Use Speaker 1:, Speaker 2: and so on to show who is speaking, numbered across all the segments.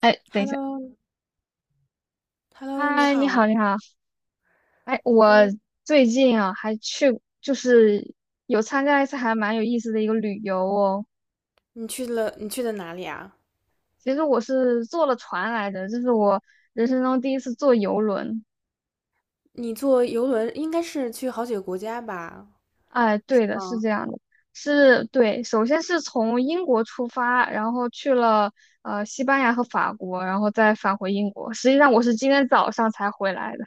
Speaker 1: 哎，等一下，
Speaker 2: Hello,Hello,你
Speaker 1: 嗨，你好，
Speaker 2: 好。
Speaker 1: 你好，哎，我
Speaker 2: 嗯，
Speaker 1: 最近啊还去，就是有参加一次还蛮有意思的一个旅游哦。
Speaker 2: 你去的哪里啊？
Speaker 1: 其实我是坐了船来的，这是我人生中第一次坐游轮。
Speaker 2: 你坐游轮应该是去好几个国家吧？
Speaker 1: 哎，
Speaker 2: 是
Speaker 1: 对的，是
Speaker 2: 吗？
Speaker 1: 这样的，是对，首先是从英国出发，然后去了西班牙和法国，然后再返回英国。实际上我是今天早上才回来的。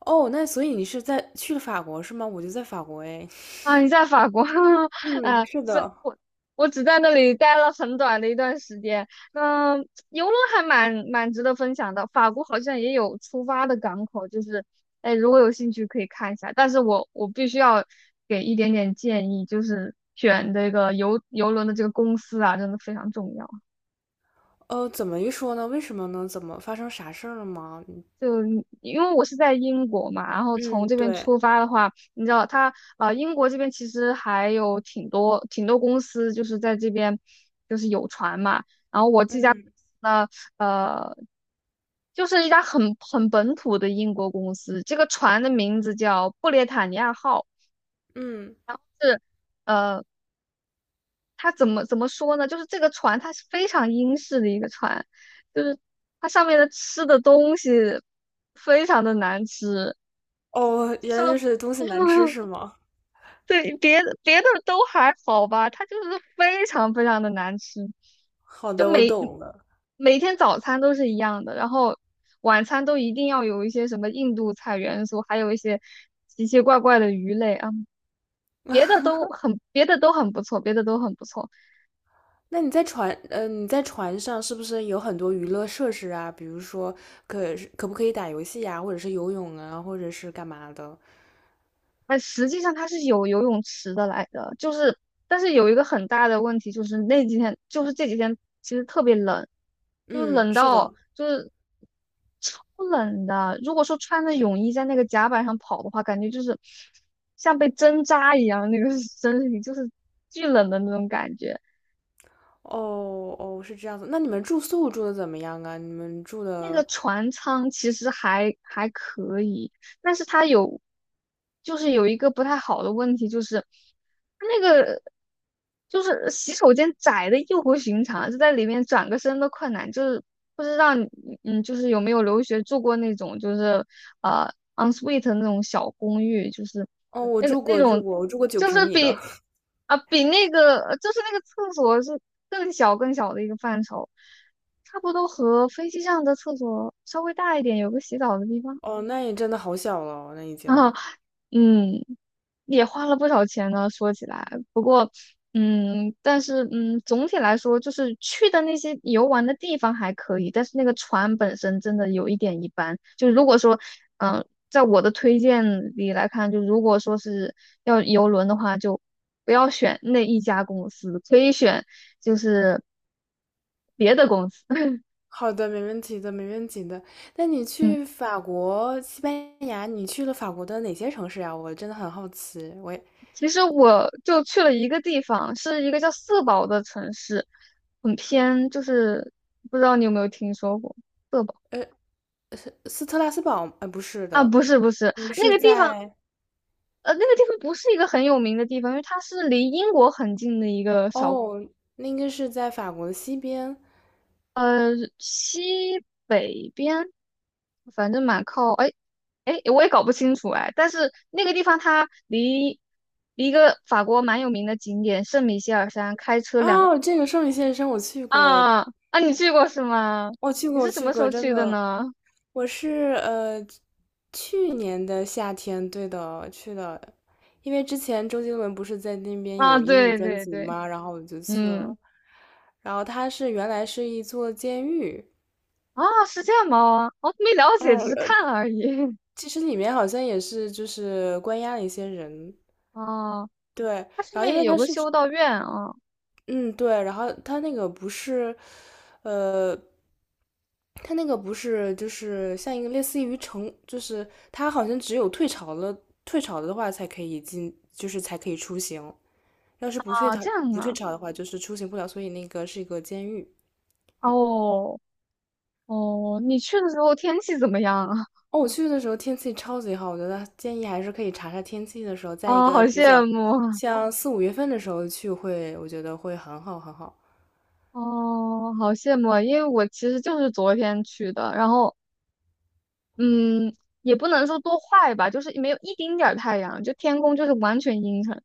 Speaker 2: 哦，那所以你是在去了法国是吗？我就在法国诶。
Speaker 1: 啊，你在法国？
Speaker 2: 嗯，
Speaker 1: 啊，
Speaker 2: 是
Speaker 1: 是
Speaker 2: 的。
Speaker 1: 我，我只在那里待了很短的一段时间。嗯，游轮还蛮值得分享的。法国好像也有出发的港口，就是，哎，如果有兴趣可以看一下。但是我必须要给一点点建议，就是选这个游轮的这个公司啊，真的非常重要。
Speaker 2: 怎么一说呢？为什么呢？怎么发生啥事儿了吗？嗯，
Speaker 1: 就因为我是在英国嘛，然后从
Speaker 2: 嗯
Speaker 1: 这边
Speaker 2: 对，
Speaker 1: 出发的话，你知道它英国这边其实还有挺多挺多公司就是在这边就是有船嘛，然后我这家公司呢，呃，就是一家很本土的英国公司，这个船的名字叫布列塔尼亚号，
Speaker 2: 嗯嗯。
Speaker 1: 是呃，它怎么说呢？就是这个船它是非常英式的一个船，就是它上面的吃的东西非常的难吃，
Speaker 2: 哦，原
Speaker 1: 就
Speaker 2: 来就是东西难吃 是吗？
Speaker 1: 对别的都还好吧，它就是非常非常的难吃，
Speaker 2: 好
Speaker 1: 就
Speaker 2: 的，我懂了。
Speaker 1: 每天早餐都是一样的，然后晚餐都一定要有一些什么印度菜元素，还有一些奇奇怪怪的鱼类啊，别的都很不错，别的都很不错。
Speaker 2: 那你在船，呃，你在船上是不是有很多娱乐设施啊？比如说可不可以打游戏呀、或者是游泳啊，或者是干嘛的？
Speaker 1: 哎，实际上它是有游泳池的来的，就是，但是有一个很大的问题就是那几天，就是这几天其实特别冷，就是
Speaker 2: 嗯，
Speaker 1: 冷
Speaker 2: 是
Speaker 1: 到
Speaker 2: 的。
Speaker 1: 就是超冷的。如果说穿着泳衣在那个甲板上跑的话，感觉就是像被针扎一样，那个 身体就是巨冷的那种感觉。
Speaker 2: 哦哦，是这样子。那你们住宿住的怎么样啊？你们住
Speaker 1: 那个
Speaker 2: 的，
Speaker 1: 船舱其实还可以，但是它有，就是有一个不太好的问题，就是它那个就是洗手间窄的异乎寻常，就在里面转个身都困难。就是不知道你就是有没有留学住过那种就是呃 ensuite 那种小公寓，就是
Speaker 2: 哦，我
Speaker 1: 那个
Speaker 2: 住
Speaker 1: 那
Speaker 2: 过，住
Speaker 1: 种
Speaker 2: 过，我住过九
Speaker 1: 就
Speaker 2: 平
Speaker 1: 是
Speaker 2: 米的。
Speaker 1: 比啊比那个就是那个厕所是更小更小的一个范畴。差不多和飞机上的厕所稍微大一点，有个洗澡的地 方。
Speaker 2: 哦，那也真的好小了哦，那已经。
Speaker 1: 啊，嗯，也花了不少钱呢。说起来，不过，但是，总体来说，就是去的那些游玩的地方还可以，但是那个船本身真的有一点一般。就如果说，在我的推荐里来看，就如果说是要游轮的话，就不要选那一家公司，可以选就是别的公司。
Speaker 2: 好的，没问题的，没问题的。那你
Speaker 1: 嗯。
Speaker 2: 去法国、西班牙，你去了法国的哪些城市呀、我真的很好奇。我也，
Speaker 1: 其实我就去了一个地方，是一个叫色堡的城市，很偏，就是不知道你有没有听说过色堡，
Speaker 2: 呃，斯特拉斯堡，不是
Speaker 1: 啊？
Speaker 2: 的，
Speaker 1: 不是不是，
Speaker 2: 你们
Speaker 1: 那
Speaker 2: 是
Speaker 1: 个地方，
Speaker 2: 在
Speaker 1: 那个地方不是一个很有名的地方，因为它是离英国很近的一个小
Speaker 2: 哦，那应该是在法国的西边。
Speaker 1: 西北边，反正蛮靠，哎哎，我也搞不清楚哎，但是那个地方它离一个法国蛮有名的景点圣米歇尔山开车两个。
Speaker 2: 哦，这个圣女献身我去过，
Speaker 1: 啊啊，你去过是吗？
Speaker 2: 我去
Speaker 1: 你
Speaker 2: 过，我
Speaker 1: 是什
Speaker 2: 去
Speaker 1: 么时
Speaker 2: 过，
Speaker 1: 候
Speaker 2: 真
Speaker 1: 去的
Speaker 2: 的，
Speaker 1: 呢？
Speaker 2: 我是去年的夏天，对的，去的，因为之前周杰伦不是在那边
Speaker 1: 啊，
Speaker 2: 有音乐
Speaker 1: 对
Speaker 2: 专
Speaker 1: 对
Speaker 2: 辑
Speaker 1: 对，
Speaker 2: 嘛，然后我就去了。
Speaker 1: 嗯，
Speaker 2: 然后它是原来是一座监狱，
Speaker 1: 啊，是这样吗？我没了解，只
Speaker 2: 嗯，
Speaker 1: 是
Speaker 2: 呃，
Speaker 1: 看了而已。
Speaker 2: 其实里面好像也是就是关押了一些人，
Speaker 1: 哦，
Speaker 2: 对。
Speaker 1: 它上
Speaker 2: 然后因
Speaker 1: 面
Speaker 2: 为
Speaker 1: 有
Speaker 2: 它
Speaker 1: 个
Speaker 2: 是
Speaker 1: 修道院啊
Speaker 2: 嗯，对，然后呃，它那个不是就是像一个类似于城，就是它好像只有退潮了，退潮的话才可以进，就是才可以出行，要是不退
Speaker 1: 啊，
Speaker 2: 潮
Speaker 1: 这样
Speaker 2: 不退
Speaker 1: 啊。
Speaker 2: 潮的话，就是出行不了，所以那个是一个监狱。
Speaker 1: 哦哦，你去的时候天气怎么样啊？
Speaker 2: 哦，我去的时候天气超级好，我觉得建议还是可以查查天气的时候，在一
Speaker 1: 哦，
Speaker 2: 个
Speaker 1: 好
Speaker 2: 比较
Speaker 1: 羡慕啊
Speaker 2: 像四五月份的时候去会，我觉得会很好很好。
Speaker 1: 哦，好羡慕啊因为我其实就是昨天去的，然后嗯，也不能说多坏吧，就是没有一丁点儿太阳，就天空就是完全阴沉。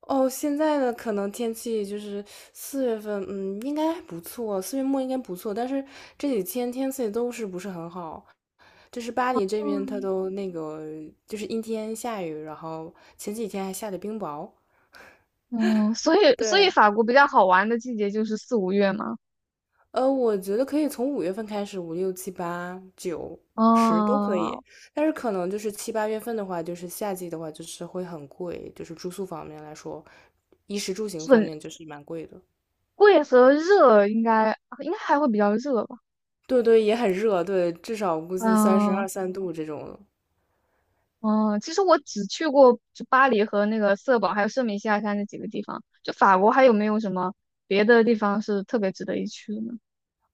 Speaker 2: 哦，现在的可能天气就是四月份，嗯，应该还不错，四月末应该不错，但是这几天天气都是不是很好，就是巴黎这边它
Speaker 1: 嗯。
Speaker 2: 都那个就是阴天下雨，然后前几天还下的冰雹。
Speaker 1: 嗯，所以
Speaker 2: 对，
Speaker 1: 法国比较好玩的季节就是四五月嘛，
Speaker 2: 我觉得可以从五月份开始，五六七八九十都可以，
Speaker 1: 嗯，
Speaker 2: 但是可能就是七八月份的话，就是夏季的话，就是会很贵，就是住宿方面来说，衣食住行方
Speaker 1: 很
Speaker 2: 面就是蛮贵的。
Speaker 1: 贵和热应该还会比较热吧，
Speaker 2: 对对，也很热，对，至少估计三十二
Speaker 1: 嗯
Speaker 2: 三度这种。
Speaker 1: 嗯，其实我只去过就巴黎和那个色堡，还有圣米西亚山这几个地方，就法国还有没有什么别的地方是特别值得一去的呢？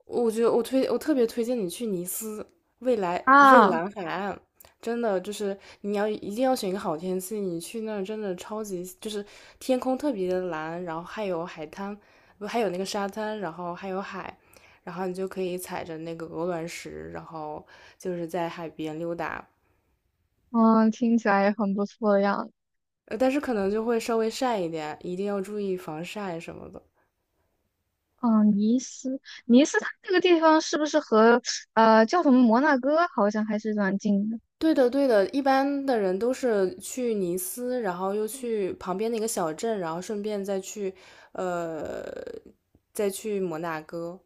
Speaker 2: 我觉得我特别推荐你去尼斯，未来蔚
Speaker 1: 啊，
Speaker 2: 蓝海岸，真的就是你要一定要选一个好天气，你去那儿真的超级就是天空特别的蓝，然后还有海滩，不还有那个沙滩，然后还有海，然后你就可以踩着那个鹅卵石，然后就是在海边溜达，
Speaker 1: 嗯，听起来也很不错的样子。
Speaker 2: 但是可能就会稍微晒一点，一定要注意防晒什么的。
Speaker 1: 嗯，尼斯，它这个地方是不是和叫什么摩纳哥好像还是蛮近的？
Speaker 2: 对的，对的，一般的人都是去尼斯，然后又去旁边的一个小镇，然后顺便再去，呃，再去摩纳哥，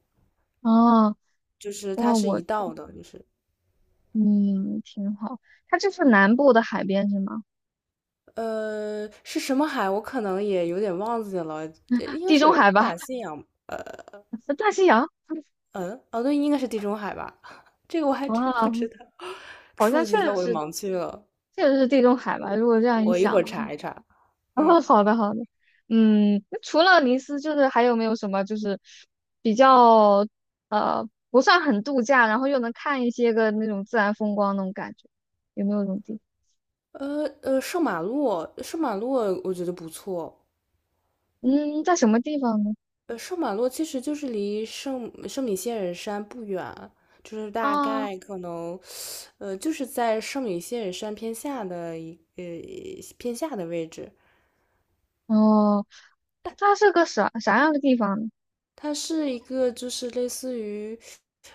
Speaker 1: 哦。
Speaker 2: 就是它
Speaker 1: 哇，
Speaker 2: 是一
Speaker 1: 我
Speaker 2: 道的，就是
Speaker 1: 嗯，挺好。它这是南部的海边是吗？
Speaker 2: 呃是什么海，我可能也有点忘记了，应该
Speaker 1: 地中
Speaker 2: 是
Speaker 1: 海吧，
Speaker 2: 大西洋，
Speaker 1: 大西洋。
Speaker 2: 嗯，哦对，应该是地中海吧，这个我还真不
Speaker 1: 哇，
Speaker 2: 知道，
Speaker 1: 好像
Speaker 2: 触
Speaker 1: 确
Speaker 2: 及到
Speaker 1: 实
Speaker 2: 我的
Speaker 1: 是，
Speaker 2: 盲区了，
Speaker 1: 确实是地中海吧。如果这样一
Speaker 2: 我一会
Speaker 1: 想的
Speaker 2: 儿
Speaker 1: 话，
Speaker 2: 查一查，
Speaker 1: 哦，
Speaker 2: 嗯，
Speaker 1: 好的好的。嗯，那除了尼斯，就是还有没有什么就是比较不算很度假，然后又能看一些个那种自然风光那种感觉？有没有这种地方
Speaker 2: 圣马洛我觉得不错。
Speaker 1: 嗯，在什么地方呢？
Speaker 2: 圣马洛其实就是离圣米歇尔山不远，就是大
Speaker 1: 啊，
Speaker 2: 概可能呃，就是在圣米歇尔山偏下的一呃偏下的位置。
Speaker 1: 哦，那它是个啥样的地方呢？
Speaker 2: 它是一个就是类似于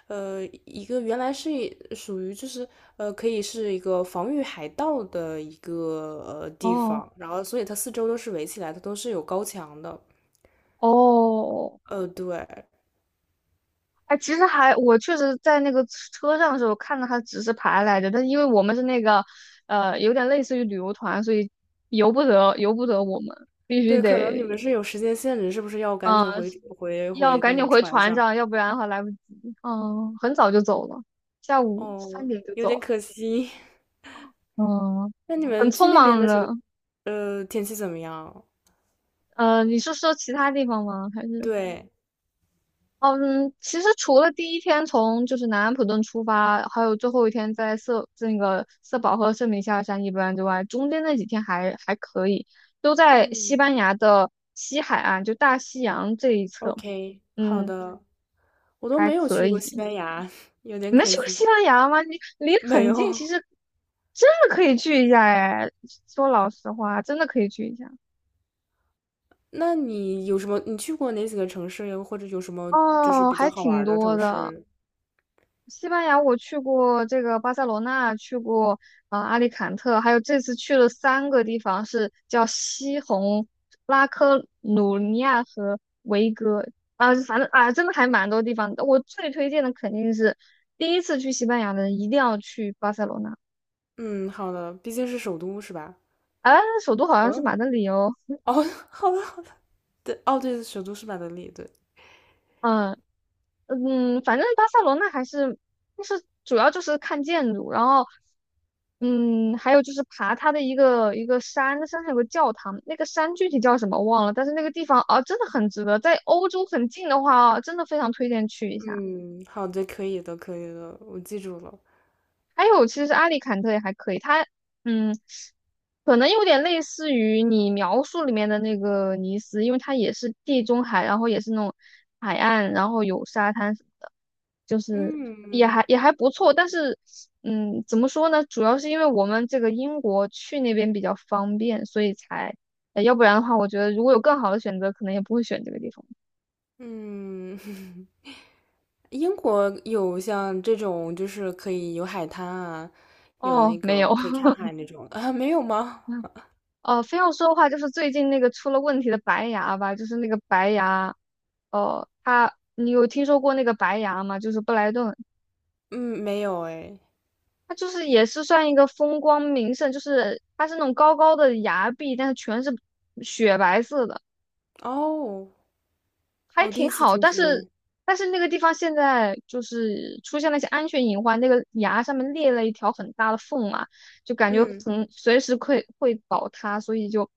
Speaker 2: 一个原来是属于就是可以是一个防御海盗的一个地
Speaker 1: 哦
Speaker 2: 方，然后所以它四周都是围起来的，都是有高墙的。
Speaker 1: 哦
Speaker 2: 对
Speaker 1: 哎，其实我确实在那个车上的时候看到他指示牌来着，但是因为我们是那个，有点类似于旅游团，所以由不得我们，必须
Speaker 2: 对，可能你们
Speaker 1: 得，
Speaker 2: 是有时间限制，是不是要赶
Speaker 1: 嗯、
Speaker 2: 紧
Speaker 1: 呃
Speaker 2: 回回
Speaker 1: 要
Speaker 2: 回
Speaker 1: 赶
Speaker 2: 那
Speaker 1: 紧
Speaker 2: 个
Speaker 1: 回
Speaker 2: 船
Speaker 1: 船
Speaker 2: 上？
Speaker 1: 上，要不然的话来不及。嗯，很早就走了，下午三
Speaker 2: 哦，
Speaker 1: 点就
Speaker 2: 有
Speaker 1: 走
Speaker 2: 点
Speaker 1: 了。
Speaker 2: 可惜。
Speaker 1: 嗯，
Speaker 2: 那你
Speaker 1: 很
Speaker 2: 们去
Speaker 1: 匆
Speaker 2: 那边
Speaker 1: 忙
Speaker 2: 的时候，
Speaker 1: 的。
Speaker 2: 天气怎么样？
Speaker 1: 你是说其他地方吗？还是？
Speaker 2: 对，
Speaker 1: 嗯，其实除了第一天从就是南安普顿出发，还有最后一天在色那个色保和圣米夏尔山一般之外，中间那几天还可以，都在西
Speaker 2: 嗯
Speaker 1: 班牙的西海岸，就大西洋这一侧，
Speaker 2: ，OK,好
Speaker 1: 嗯，
Speaker 2: 的。我都
Speaker 1: 还
Speaker 2: 没有
Speaker 1: 可
Speaker 2: 去过西
Speaker 1: 以。
Speaker 2: 班牙，有点
Speaker 1: 你们
Speaker 2: 可
Speaker 1: 去过
Speaker 2: 惜。
Speaker 1: 西班牙吗？你离得
Speaker 2: 没
Speaker 1: 很近，其
Speaker 2: 有。
Speaker 1: 实真的可以去一下哎。说老实话，真的可以去一下。
Speaker 2: 那你有什么？你去过哪几个城市呀？或者有什么就是
Speaker 1: 哦，
Speaker 2: 比较
Speaker 1: 还
Speaker 2: 好玩
Speaker 1: 挺
Speaker 2: 儿的
Speaker 1: 多
Speaker 2: 城
Speaker 1: 的。
Speaker 2: 市？
Speaker 1: 西班牙我去过这个巴塞罗那，去过阿里坎特，还有这次去了三个地方，是叫西红、拉科鲁尼亚和维戈啊，反正啊，真的还蛮多地方的。我最推荐的肯定是第一次去西班牙的人一定要去巴塞罗那，
Speaker 2: 嗯，好的，毕竟是首都是吧？
Speaker 1: 啊，首都好像是
Speaker 2: 嗯，
Speaker 1: 马德里哦，
Speaker 2: 哦，好的，好的。对，哦，对，首都是马德里，对。
Speaker 1: 嗯。嗯，反正巴塞罗那还是，就是主要就是看建筑，然后，嗯，还有就是爬它的一个一个山，那山上有个教堂，那个山具体叫什么忘了，但是那个地方啊，真的很值得，在欧洲很近的话啊，真的非常推荐去一下。
Speaker 2: 嗯，好的，可以的，可以的，我记住了。
Speaker 1: 还有，其实阿里坎特也还可以，它，嗯，可能有点类似于你描述里面的那个尼斯，因为它也是地中海，然后也是那种海岸，然后有沙滩。什么的。就是
Speaker 2: 嗯
Speaker 1: 也还不错，但是怎么说呢？主要是因为我们这个英国去那边比较方便，所以才，要不然的话，我觉得如果有更好的选择，可能也不会选这个地方。
Speaker 2: 嗯，英国有像这种就是可以有海滩啊，有那
Speaker 1: 哦，没
Speaker 2: 个
Speaker 1: 有，
Speaker 2: 可以看海那种啊，没有吗？
Speaker 1: 哦，非要说的话，就是最近那个出了问题的白牙吧，就是那个白牙，哦，它你有听说过那个白牙吗？就是布莱顿。
Speaker 2: 嗯，没有哎。
Speaker 1: 它就是也是算一个风光名胜，就是它是那种高高的崖壁，但是全是雪白色的。
Speaker 2: 哦，
Speaker 1: 还
Speaker 2: 我第一
Speaker 1: 挺
Speaker 2: 次
Speaker 1: 好，
Speaker 2: 听
Speaker 1: 但
Speaker 2: 说。
Speaker 1: 是那个地方现在就是出现了一些安全隐患，那个崖上面裂了一条很大的缝嘛，就感觉
Speaker 2: 嗯，
Speaker 1: 很随时会倒塌，所以就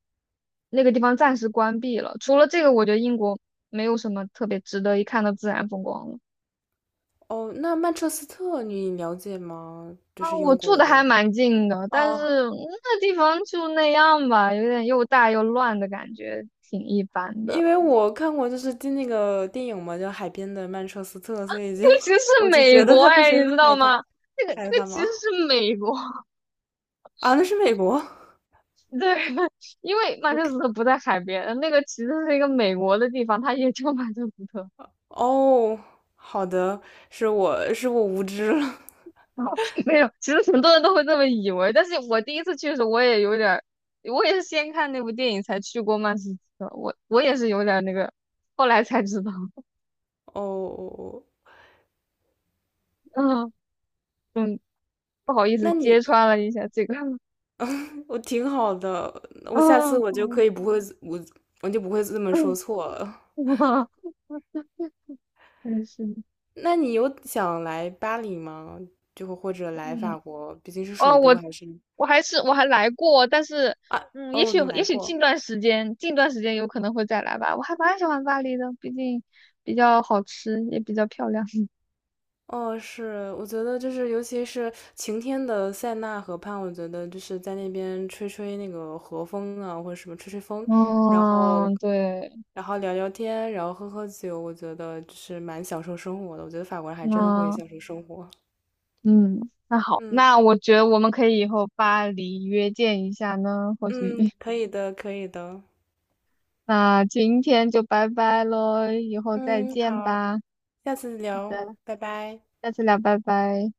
Speaker 1: 那个地方暂时关闭了。除了这个，我觉得英国没有什么特别值得一看的自然风光了。
Speaker 2: 哦，那曼彻斯特你了解吗？就
Speaker 1: 啊，
Speaker 2: 是
Speaker 1: 我
Speaker 2: 英
Speaker 1: 住
Speaker 2: 国
Speaker 1: 的还
Speaker 2: 的。
Speaker 1: 蛮近的，但
Speaker 2: 哦，
Speaker 1: 是那地方就那样吧，有点又大又乱的感觉，挺一般的。
Speaker 2: 因为 我看过就是进那个电影嘛，叫《海边的曼彻斯特》，所以就
Speaker 1: 尤其 是
Speaker 2: 我就
Speaker 1: 美
Speaker 2: 觉得
Speaker 1: 国，
Speaker 2: 它不
Speaker 1: 哎，
Speaker 2: 是一个
Speaker 1: 你知道
Speaker 2: 海滩
Speaker 1: 吗？那
Speaker 2: 海
Speaker 1: 个
Speaker 2: 滩
Speaker 1: 其实
Speaker 2: 吗？
Speaker 1: 是美国。
Speaker 2: 啊，那是美国。
Speaker 1: 对，因为曼彻斯
Speaker 2: OK。
Speaker 1: 特不在海边，那个其实是一个美国的地方，它也叫曼彻斯特。
Speaker 2: 哦，好的，是我是我无知了。
Speaker 1: 没有，其实很多人都会这么以为，但是我第一次去的时候，我也有点儿，我也是先看那部电影才去过曼彻斯特，我也是有点儿那个，后来才知道，
Speaker 2: 哦，
Speaker 1: 嗯嗯，不好意思
Speaker 2: 那
Speaker 1: 揭
Speaker 2: 你
Speaker 1: 穿了一下这个，
Speaker 2: 我挺好的，我下次
Speaker 1: 嗯，不好意
Speaker 2: 我就不会这么
Speaker 1: 思，
Speaker 2: 说 错了。
Speaker 1: 嗯，真是的，
Speaker 2: 那你有想来巴黎吗？就或者来
Speaker 1: 嗯。
Speaker 2: 法国，毕竟是首
Speaker 1: 哦，
Speaker 2: 都，
Speaker 1: 我
Speaker 2: 还是
Speaker 1: 我还是我还来过，但是
Speaker 2: 啊？哦，你
Speaker 1: 也
Speaker 2: 来
Speaker 1: 许
Speaker 2: 过。
Speaker 1: 近段时间有可能会再来吧。我还蛮喜欢巴黎的，毕竟比较好吃，也比较漂亮。
Speaker 2: 哦，是，我觉得就是尤其是晴天的塞纳河畔，我觉得就是在那边吹吹那个和风啊，或者什么吹吹风，然后
Speaker 1: 嗯，对，
Speaker 2: 然后聊聊天，然后喝喝酒，我觉得就是蛮享受生活的。我觉得法国人还真的会
Speaker 1: 嗯
Speaker 2: 享受生活。
Speaker 1: 嗯，那好，
Speaker 2: 嗯
Speaker 1: 那我觉得我们可以以后巴黎约见一下呢，或许。
Speaker 2: 嗯，可以的，可以的。
Speaker 1: 那今天就拜拜喽，以后再
Speaker 2: 嗯，
Speaker 1: 见
Speaker 2: 好，
Speaker 1: 吧。好
Speaker 2: 下次聊，
Speaker 1: 的，
Speaker 2: 拜拜。
Speaker 1: 下次聊，拜拜。